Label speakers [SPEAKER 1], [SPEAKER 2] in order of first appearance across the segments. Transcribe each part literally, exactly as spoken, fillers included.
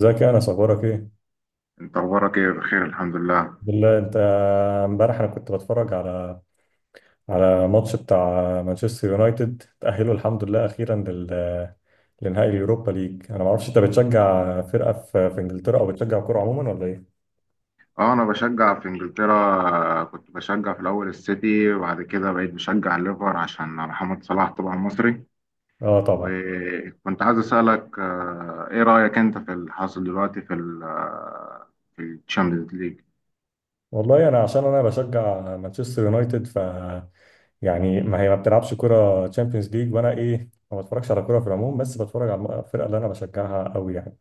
[SPEAKER 1] ازيك يا انس، اخبارك ايه؟
[SPEAKER 2] انت اخبارك ايه؟ بخير، الحمد لله.
[SPEAKER 1] بالله انت. امبارح انا كنت بتفرج على على ماتش بتاع مانشستر يونايتد. تأهلوا الحمد لله اخيرا لل لنهائي اليوروبا ليج. انا ما اعرفش انت بتشجع فرقة في في انجلترا او بتشجع كورة عموما ولا ايه؟
[SPEAKER 2] اه، انا بشجع في انجلترا. كنت بشجع في الاول السيتي، وبعد كده بقيت بشجع الليفر عشان محمد صلاح طبعا مصري.
[SPEAKER 1] اه طبعا.
[SPEAKER 2] وكنت عايز اسالك، آه، ايه رايك انت في اللي حاصل دلوقتي في ال آه، في الشامبيونز ليج؟
[SPEAKER 1] والله انا عشان انا بشجع مانشستر يونايتد ف يعني ما هي ما بتلعبش كرة تشامبيونز ليج، وانا ايه ما بتفرجش على كرة في العموم، بس بتفرج على الفرقة اللي انا بشجعها قوي يعني.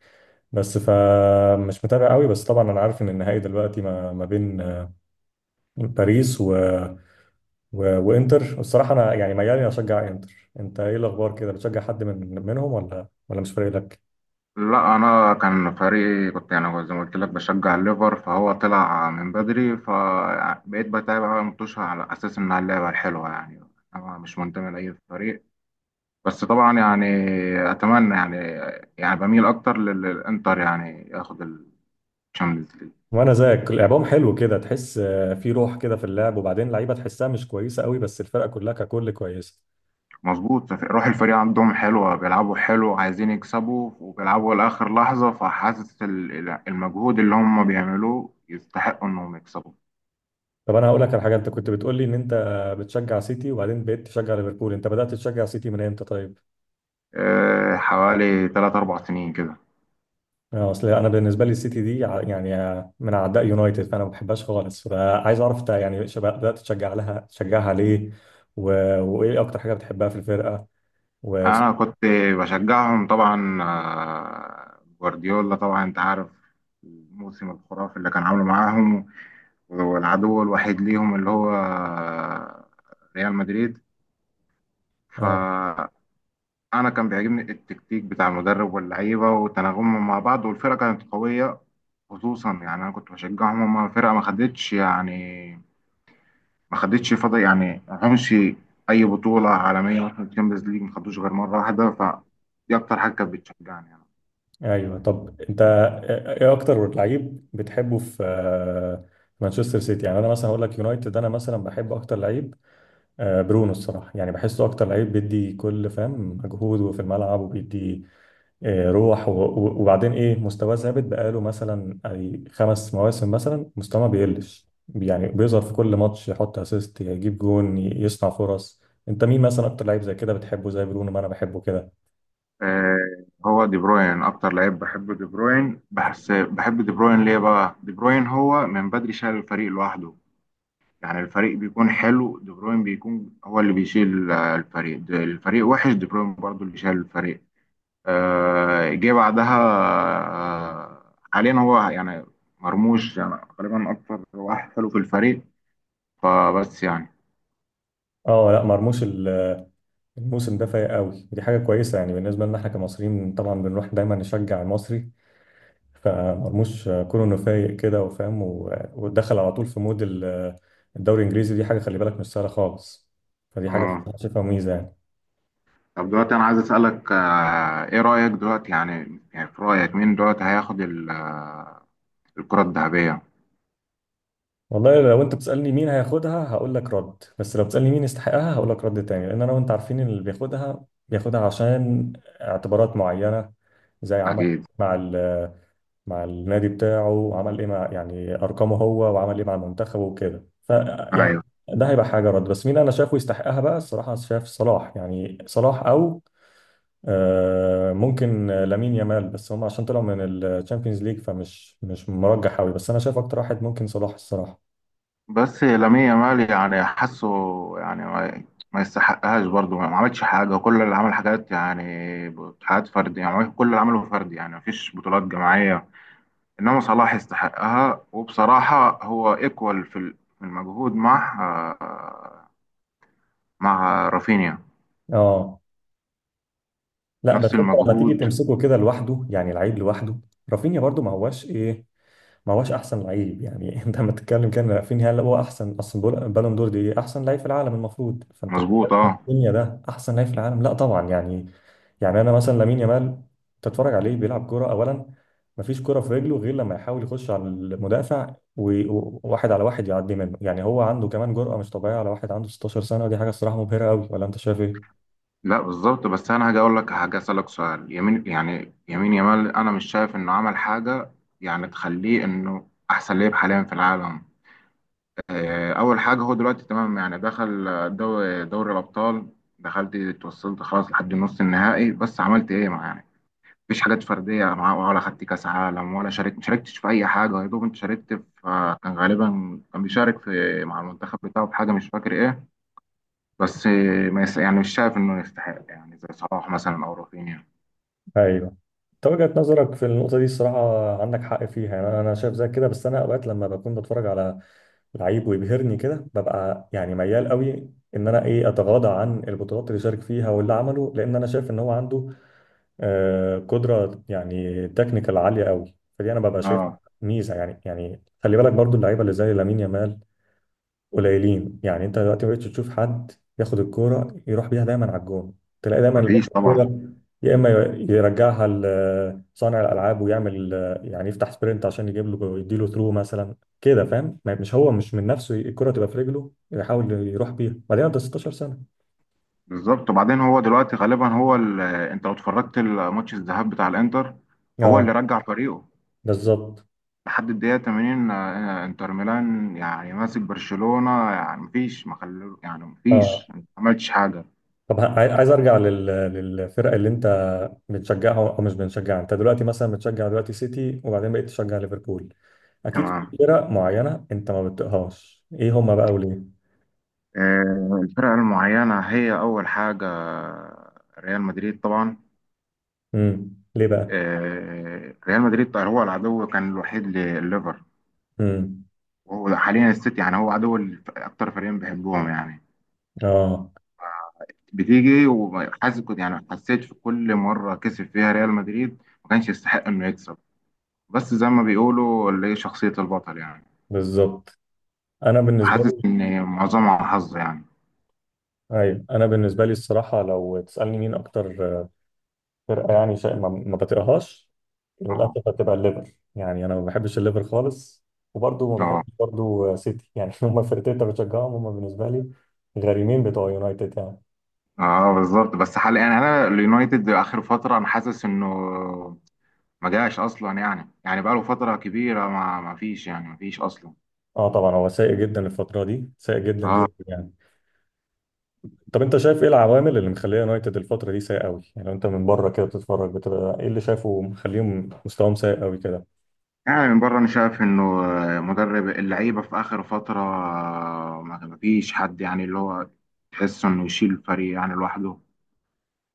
[SPEAKER 1] بس فمش متابع قوي، بس طبعا انا عارف ان النهائي دلوقتي ما ما بين باريس و... و... وانتر. الصراحه انا يعني ميال إني اشجع انتر. انت ايه الاخبار كده، بتشجع حد من منهم ولا ولا مش فارق لك؟
[SPEAKER 2] لا، انا كان فريقي، كنت يعني زي ما قلت لك بشجع الليفر، فهو طلع من بدري، فبقيت بتابع بقى المطوشه على اساس انها اللعبه الحلوه يعني. انا مش منتمي لاي فريق، بس طبعا يعني اتمنى، يعني يعني بميل اكتر لل- للانتر يعني ياخد الشامبيونز ليج.
[SPEAKER 1] وانا زيك، لعبهم حلو كده، تحس آه، في روح كده في اللعب، وبعدين لعيبه تحسها مش كويسه قوي، بس الفرقه كلها ككل كويسه.
[SPEAKER 2] مظبوط، روح الفريق عندهم حلوه، بيلعبوا حلو، عايزين يكسبوا وبيلعبوا لاخر لحظه، فحاسس ال- المجهود اللي هم بيعملوه يستحقوا انهم يكسبوا.
[SPEAKER 1] طب انا هقول لك على حاجه، انت كنت بتقول لي ان انت بتشجع سيتي وبعدين بقيت تشجع ليفربول. انت بدات تشجع سيتي من امتى طيب؟
[SPEAKER 2] آه، حوالي ثلاثة أربعة سنين كده.
[SPEAKER 1] آه، اصل انا بالنسبه لي السيتي دي ع- يعني آه، من اعداء يونايتد، فانا ما بحبهاش خالص. فعايز اعرف انت يعني شب- بدات تشجع لها تشجعها ليه؟ و... وايه اكتر حاجه بتحبها في الفرقه؟ و...
[SPEAKER 2] انا كنت بشجعهم طبعا. آه، جوارديولا طبعا انت عارف الموسم الخرافي اللي كان عامله معاهم، والعدو الوحيد ليهم اللي هو ريال مدريد.
[SPEAKER 1] اه،
[SPEAKER 2] فأنا كان بيعجبني التكتيك بتاع المدرب واللعيبة وتناغمهم مع بعض، والفرقة كانت قوية. خصوصا يعني أنا كنت بشجعهم، هما فرقة ما خدتش يعني ما خدتش فضل يعني ما خدتش أي بطولة عالمية. مثلا الشامبيونز ليج ما خدوش غير مرة واحدة، فدي أكتر حاجة كانت بتشجعني يعني.
[SPEAKER 1] ايوه. طب انت، آه، ايه اكتر لعيب بتحبه في آه، مانشستر سيتي؟ يعني انا مثلا هقول لك يونايتد، انا مثلا بحب اكتر لعيب آه، برونو الصراحه. يعني بحسه اكتر لعيب بيدي كل فهم مجهوده في الملعب، وبيدي إيه، روح، و- و- وبعدين ايه مستواه ثابت. بقاله مثلا اي خمس مواسم مثلا مستواه ما بيقلش يعني، بيظهر في كل ماتش، يحط اسيست، يجيب جون، ي- يصنع فرص. انت مين مثلا اكتر لعيب زي كده بتحبه زي برونو ما انا بحبه كده؟
[SPEAKER 2] آه، هو دي بروين اكتر لعيب بحبه. دي بروين، بحس بحب دي بروين. ليه بقى؟ دي بروين هو من بدري شايل الفريق لوحده. يعني الفريق بيكون حلو، دي بروين بيكون هو اللي بيشيل آه، الفريق. د- الفريق وحش، دي بروين برضو اللي شايل الفريق. آه، جه بعدها. آه، حاليا هو يعني مرموش يعني غالبا اكتر واحد حلو في الفريق، فبس يعني.
[SPEAKER 1] اه لا، مرموش ال- الموسم ده فايق قوي، دي حاجه كويسه يعني. بالنسبه لنا احنا كمصريين طبعا بنروح دايما نشجع المصري. فمرموش آه، كونه انه فايق كده وفاهم و- ودخل على طول في مود ال- الدوري الانجليزي، دي حاجه خلي بالك مش سهله خالص. فدي حاجه
[SPEAKER 2] اه،
[SPEAKER 1] شايفها ميزه يعني.
[SPEAKER 2] طب دلوقتي انا عايز اسالك، آه، ايه رايك دلوقتي؟ يعني يعني في رايك مين دلوقتي هياخد ال- آه، الكره الذهبيه؟
[SPEAKER 1] والله لو انت بتسألني مين هياخدها هقول لك رد، بس لو بتسألني مين يستحقها هقول لك رد تاني. لان انا وانت عارفين اللي بياخدها بياخدها عشان اعتبارات معينة. زي عمل
[SPEAKER 2] اكيد.
[SPEAKER 1] مع ال مع النادي بتاعه، وعمل ايه مع يعني ارقامه هو، وعمل ايه مع المنتخب وكده. ف يعني
[SPEAKER 2] ايوه.
[SPEAKER 1] ده هيبقى حاجة رد. بس مين انا شايفه يستحقها بقى الصراحة؟ شايف صلاح، يعني صلاح او آه، ممكن لامين يامال، بس هم عشان طلعوا من الشامبيونز ليج فمش مش مرجح قوي، بس انا شايف اكتر واحد ممكن صلاح الصراحة.
[SPEAKER 2] بس لامين يامال، يعني حاسه يعني ما, ما يستحقهاش برضه. ما عملش حاجة، كل اللي عمل حاجات يعني حاجات فردية. يعني عمل- كل اللي عمله فردي، يعني مفيش بطولات جماعية. إنما صلاح يستحقها، وبصراحة هو إيكوال في ال- في المجهود مع آه، مع رافينيا.
[SPEAKER 1] اه لا، بس
[SPEAKER 2] نفس
[SPEAKER 1] انت لما تيجي
[SPEAKER 2] المجهود.
[SPEAKER 1] تمسكه كده لوحده، يعني العيب لوحده. رافينيا برضو ما هواش ايه، ما هواش احسن لعيب يعني. انت لما تتكلم كان رافينيا هل هو احسن؟ اصل بول- بالون دور دي احسن لعيب في العالم المفروض، فانت بتتكلم
[SPEAKER 2] مظبوط. اه.
[SPEAKER 1] رافينيا ده احسن لعيب في العالم؟ لا طبعا يعني. يعني انا مثلا لامين يامال تتفرج عليه بيلعب كوره اولا، مفيش كوره في رجله غير لما يحاول يخش على المدافع، وواحد على واحد يعدي منه يعني. هو عنده كمان جرأة مش طبيعية، على واحد عنده 16 سنة، ودي حاجة الصراحة مبهرة قوي. ولا انت شايف ايه؟
[SPEAKER 2] لا. بالظبط. بس أنا هاجي أقول لك حاجة، أسألك سؤال. يمين، يعني يمين يامال، أنا مش شايف إنه عمل حاجة، يعني تخليه إنه أحسن لعيب حاليا في العالم. آه، اول حاجه، هو دلوقتي تمام يعني دخل دوري دوري الابطال. دخلت اتوصلت خلاص لحد نص النهائي، بس عملت ايه مع؟ يعني مفيش حاجات فرديه معاه، ولا خدت كاس عالم، ولا شاركت ما شاركتش في اي حاجه. يا دوب انت شاركت في، آه، كان غالبا كان بيشارك في مع المنتخب بتاعه في حاجه، مش فاكر ايه. بس آه، ما يس... يعني مش شايف انه يستحق، يعني زي صلاح مثلا او رافينيا.
[SPEAKER 1] ايوه. انت وجهة نظرك في النقطة دي الصراحة عندك حق فيها يعني، انا أنا شايف زي كده. بس انا اوقات لما بكون بتفرج على لعيب ويبهرني كده ببقى يعني ميال قوي ان انا ايه اتغاضى عن البطولات اللي شارك فيها واللي عمله، لان انا شايف ان هو عنده آه قدرة يعني تكنيكال عالية قوي. فدي انا ببقى شايف
[SPEAKER 2] اه.
[SPEAKER 1] ميزة يعني. يعني خلي بالك برضو اللعيبة اللي زي لامين يامال قليلين يعني. انت دلوقتي ما بقتش تشوف حد ياخد الكوره يروح بيها دايما على الجون. تلاقي دايما اللي بياخد
[SPEAKER 2] مفيش طبعا.
[SPEAKER 1] الكوره يا اما يرجعها لصانع الالعاب، ويعمل يعني يفتح سبرنت عشان يجيب له يديله ثرو مثلا كده، فاهم؟ ما- مش هو، مش من نفسه الكوره تبقى في رجله يحاول يروح بيها. بعدين انت 16 سنه.
[SPEAKER 2] بالظبط. وبعدين هو دلوقتي غالبا هو ال... انت لو اتفرجت الماتش الذهاب بتاع الانتر، هو
[SPEAKER 1] اه
[SPEAKER 2] اللي رجع فريقه
[SPEAKER 1] بالظبط
[SPEAKER 2] لحد الدقيقة تمانين. آه، آه، انتر ميلان يعني ماسك برشلونة، يعني مفيش ما خلو يعني مفيش
[SPEAKER 1] اه.
[SPEAKER 2] ما عملتش حاجة.
[SPEAKER 1] طب ه- عاي- عايز ارجع لل... للفرق اللي انت بتشجعها او مش بتشجعها. انت دلوقتي مثلا بتشجع دلوقتي سيتي وبعدين بقيت تشجع ليفربول، اكيد في
[SPEAKER 2] تمام.
[SPEAKER 1] فرق معينه انت ما بتطيقهاش، ايه هما بقى وليه؟
[SPEAKER 2] آه، الفرق المعينة، هي أول حاجة ريال مدريد طبعا.
[SPEAKER 1] امم ليه بقى؟
[SPEAKER 2] آه، ريال مدريد هو العدو كان الوحيد لليفر.
[SPEAKER 1] امم.
[SPEAKER 2] وهو حاليا السيتي. يعني هو عدو الف- أكتر فريقين بيحبوهم يعني.
[SPEAKER 1] اه
[SPEAKER 2] بتيجي وحاسس، كنت يعني حسيت في كل مرة كسب فيها ريال مدريد ما كانش يستحق إنه يكسب. بس زي ما بيقولوا اللي هي شخصية البطل يعني.
[SPEAKER 1] بالظبط. انا بالنسبه
[SPEAKER 2] حاسس
[SPEAKER 1] لي،
[SPEAKER 2] ان معظمها حظ يعني.
[SPEAKER 1] ايوه، انا بالنسبه لي الصراحه لو تسالني مين اكتر فرقه يعني شيء ما ما بطيقهاش،
[SPEAKER 2] اه،
[SPEAKER 1] للأسف هتبقى الليفر. يعني أنا ما بحبش الليفر خالص، وبرضه ما
[SPEAKER 2] اه،
[SPEAKER 1] بحبش برضه سيتي يعني. هما الفرقتين اللي بشجعهم هما بالنسبة لي غريمين بتوع يونايتد يعني.
[SPEAKER 2] اه. بالظبط. بس حال يعني انا اليونايتد اخر فتره انا حاسس انه ما جاش اصلا، يعني يعني بقاله فتره كبيره ما ما فيش يعني ما فيش اصلا.
[SPEAKER 1] اه طبعا، هو سيء جدا الفترة دي، سيء جدا
[SPEAKER 2] اه،
[SPEAKER 1] جدا يعني. طب انت شايف ايه العوامل اللي مخليه يونايتد الفترة دي سيء قوي يعني؟ لو انت من بره كده بتتفرج بتبقى ايه اللي شايفه مخليهم مستواهم سيء قوي كده؟
[SPEAKER 2] يعني من بره انا شايف انه مدرب اللعيبه في اخر فتره ما ما فيش حد، يعني اللي هو تحس انه يشيل الفريق يعني لوحده.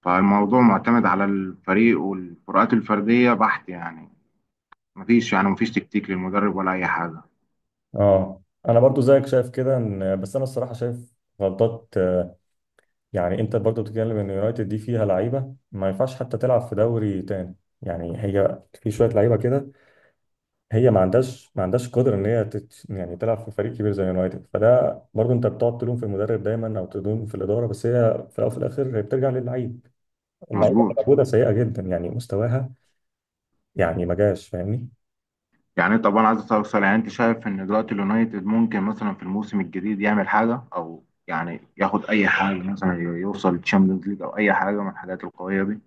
[SPEAKER 2] فالموضوع معتمد على الفريق والفروقات الفرديه بحت، يعني ما فيش يعني ما فيش تكتيك للمدرب ولا اي حاجه.
[SPEAKER 1] اه، انا برضو زيك شايف كده، ان بس انا الصراحة شايف غلطات آه، يعني. انت برضو بتتكلم ان يونايتد دي فيها لعيبه ما ينفعش حتى تلعب في دوري تاني. يعني هي في شويه لعيبه كده، هي ما عندهاش ما عندهاش قدره ان هي تت يعني تلعب في فريق كبير زي يونايتد. فده برضو انت بتقعد تلوم في المدرب دايما او تلوم في الاداره، بس هي في الاول وفي الاخر هي بترجع للعيب. اللعيبه اللي
[SPEAKER 2] مظبوط.
[SPEAKER 1] موجوده سيئه جدا يعني مستواها. يعني ما جاش، فاهمني؟
[SPEAKER 2] يعني طبعا عايز استفسر، يعني انت شايف ان دلوقتي اليونايتد ممكن مثلا في الموسم الجديد يعمل حاجه، او يعني ياخد اي حاجه مثلا يوصل تشامبيونز ليج او اي حاجه من الحاجات القويه دي؟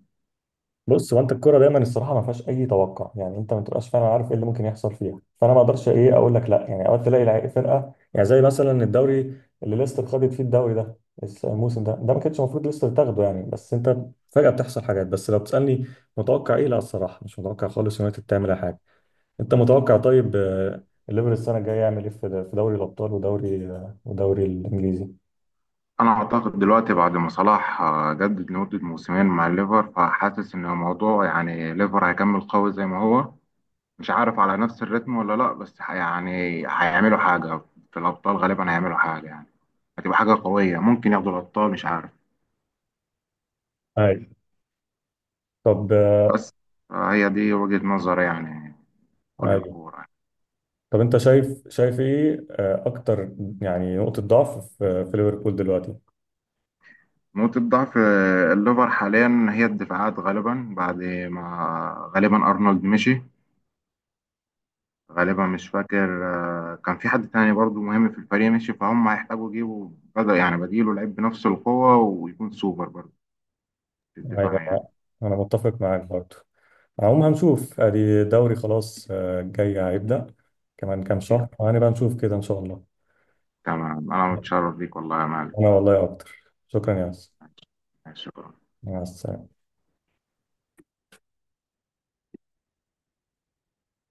[SPEAKER 1] بص، هو انت الكوره دايما الصراحه ما فيهاش اي توقع يعني، انت ما تبقاش فعلا عارف ايه اللي ممكن يحصل فيها. فانا ما اقدرش ايه اقول لك لا. يعني اوقات تلاقي لعيب- فرقه يعني زي مثلا الدوري اللي ليستر خدت فيه الدوري ده، الس- الموسم ده ده ما كانش المفروض ليستر تاخده يعني، بس انت فجاه بتحصل حاجات. بس لو بتسالني متوقع ايه، لا الصراحه مش متوقع خالص يونايتد تعمل اي حاجه. انت متوقع طيب آه، الليفر السنه الجايه يعمل ايه في في دوري الابطال ودوري آه، ودوري الانجليزي؟
[SPEAKER 2] انا اعتقد دلوقتي بعد ما صلاح آه، جدد لمده موسمين مع الليفر، فحاسس ان الموضوع يعني ليفر هيكمل قوي زي ما هو. مش عارف على نفس الريتم ولا لا، بس ح- يعني هيعملوا حاجه في الابطال. غالبا هيعملوا حاجه يعني، هتبقى حاجه قويه، ممكن ياخدوا الابطال مش عارف.
[SPEAKER 1] ايوه طب آه،
[SPEAKER 2] بس آه، هي دي وجهه نظري يعني، كل
[SPEAKER 1] ايوه
[SPEAKER 2] الكوره.
[SPEAKER 1] طب انت شايف شايف ايه آه، اكتر يعني نقطة ضعف في في ليفربول دلوقتي؟
[SPEAKER 2] نقطة ضعف آه، الليفر حاليا هي الدفاعات، غالبا بعد ما غالبا أرنولد مشي. غالبا مش فاكر، آه، كان في حد تاني برضو مهم في الفريق مشي، فهم هيحتاجوا يجيبوا بدأ يعني بديله لعيب بنفس القوة ويكون سوبر برضو في الدفاع يعني.
[SPEAKER 1] ايوه انا متفق معاك برضو. عموما هنشوف، ادي دوري خلاص آه، جاي هيبدأ كمان كام شهر وهنبقى نشوف كده ان شاء الله.
[SPEAKER 2] تمام. أنا متشرف بيك والله يا مالك.
[SPEAKER 1] انا والله اكتر، شكرا يا ياسر.
[SPEAKER 2] ماشي. شكرا.
[SPEAKER 1] مع السلامة.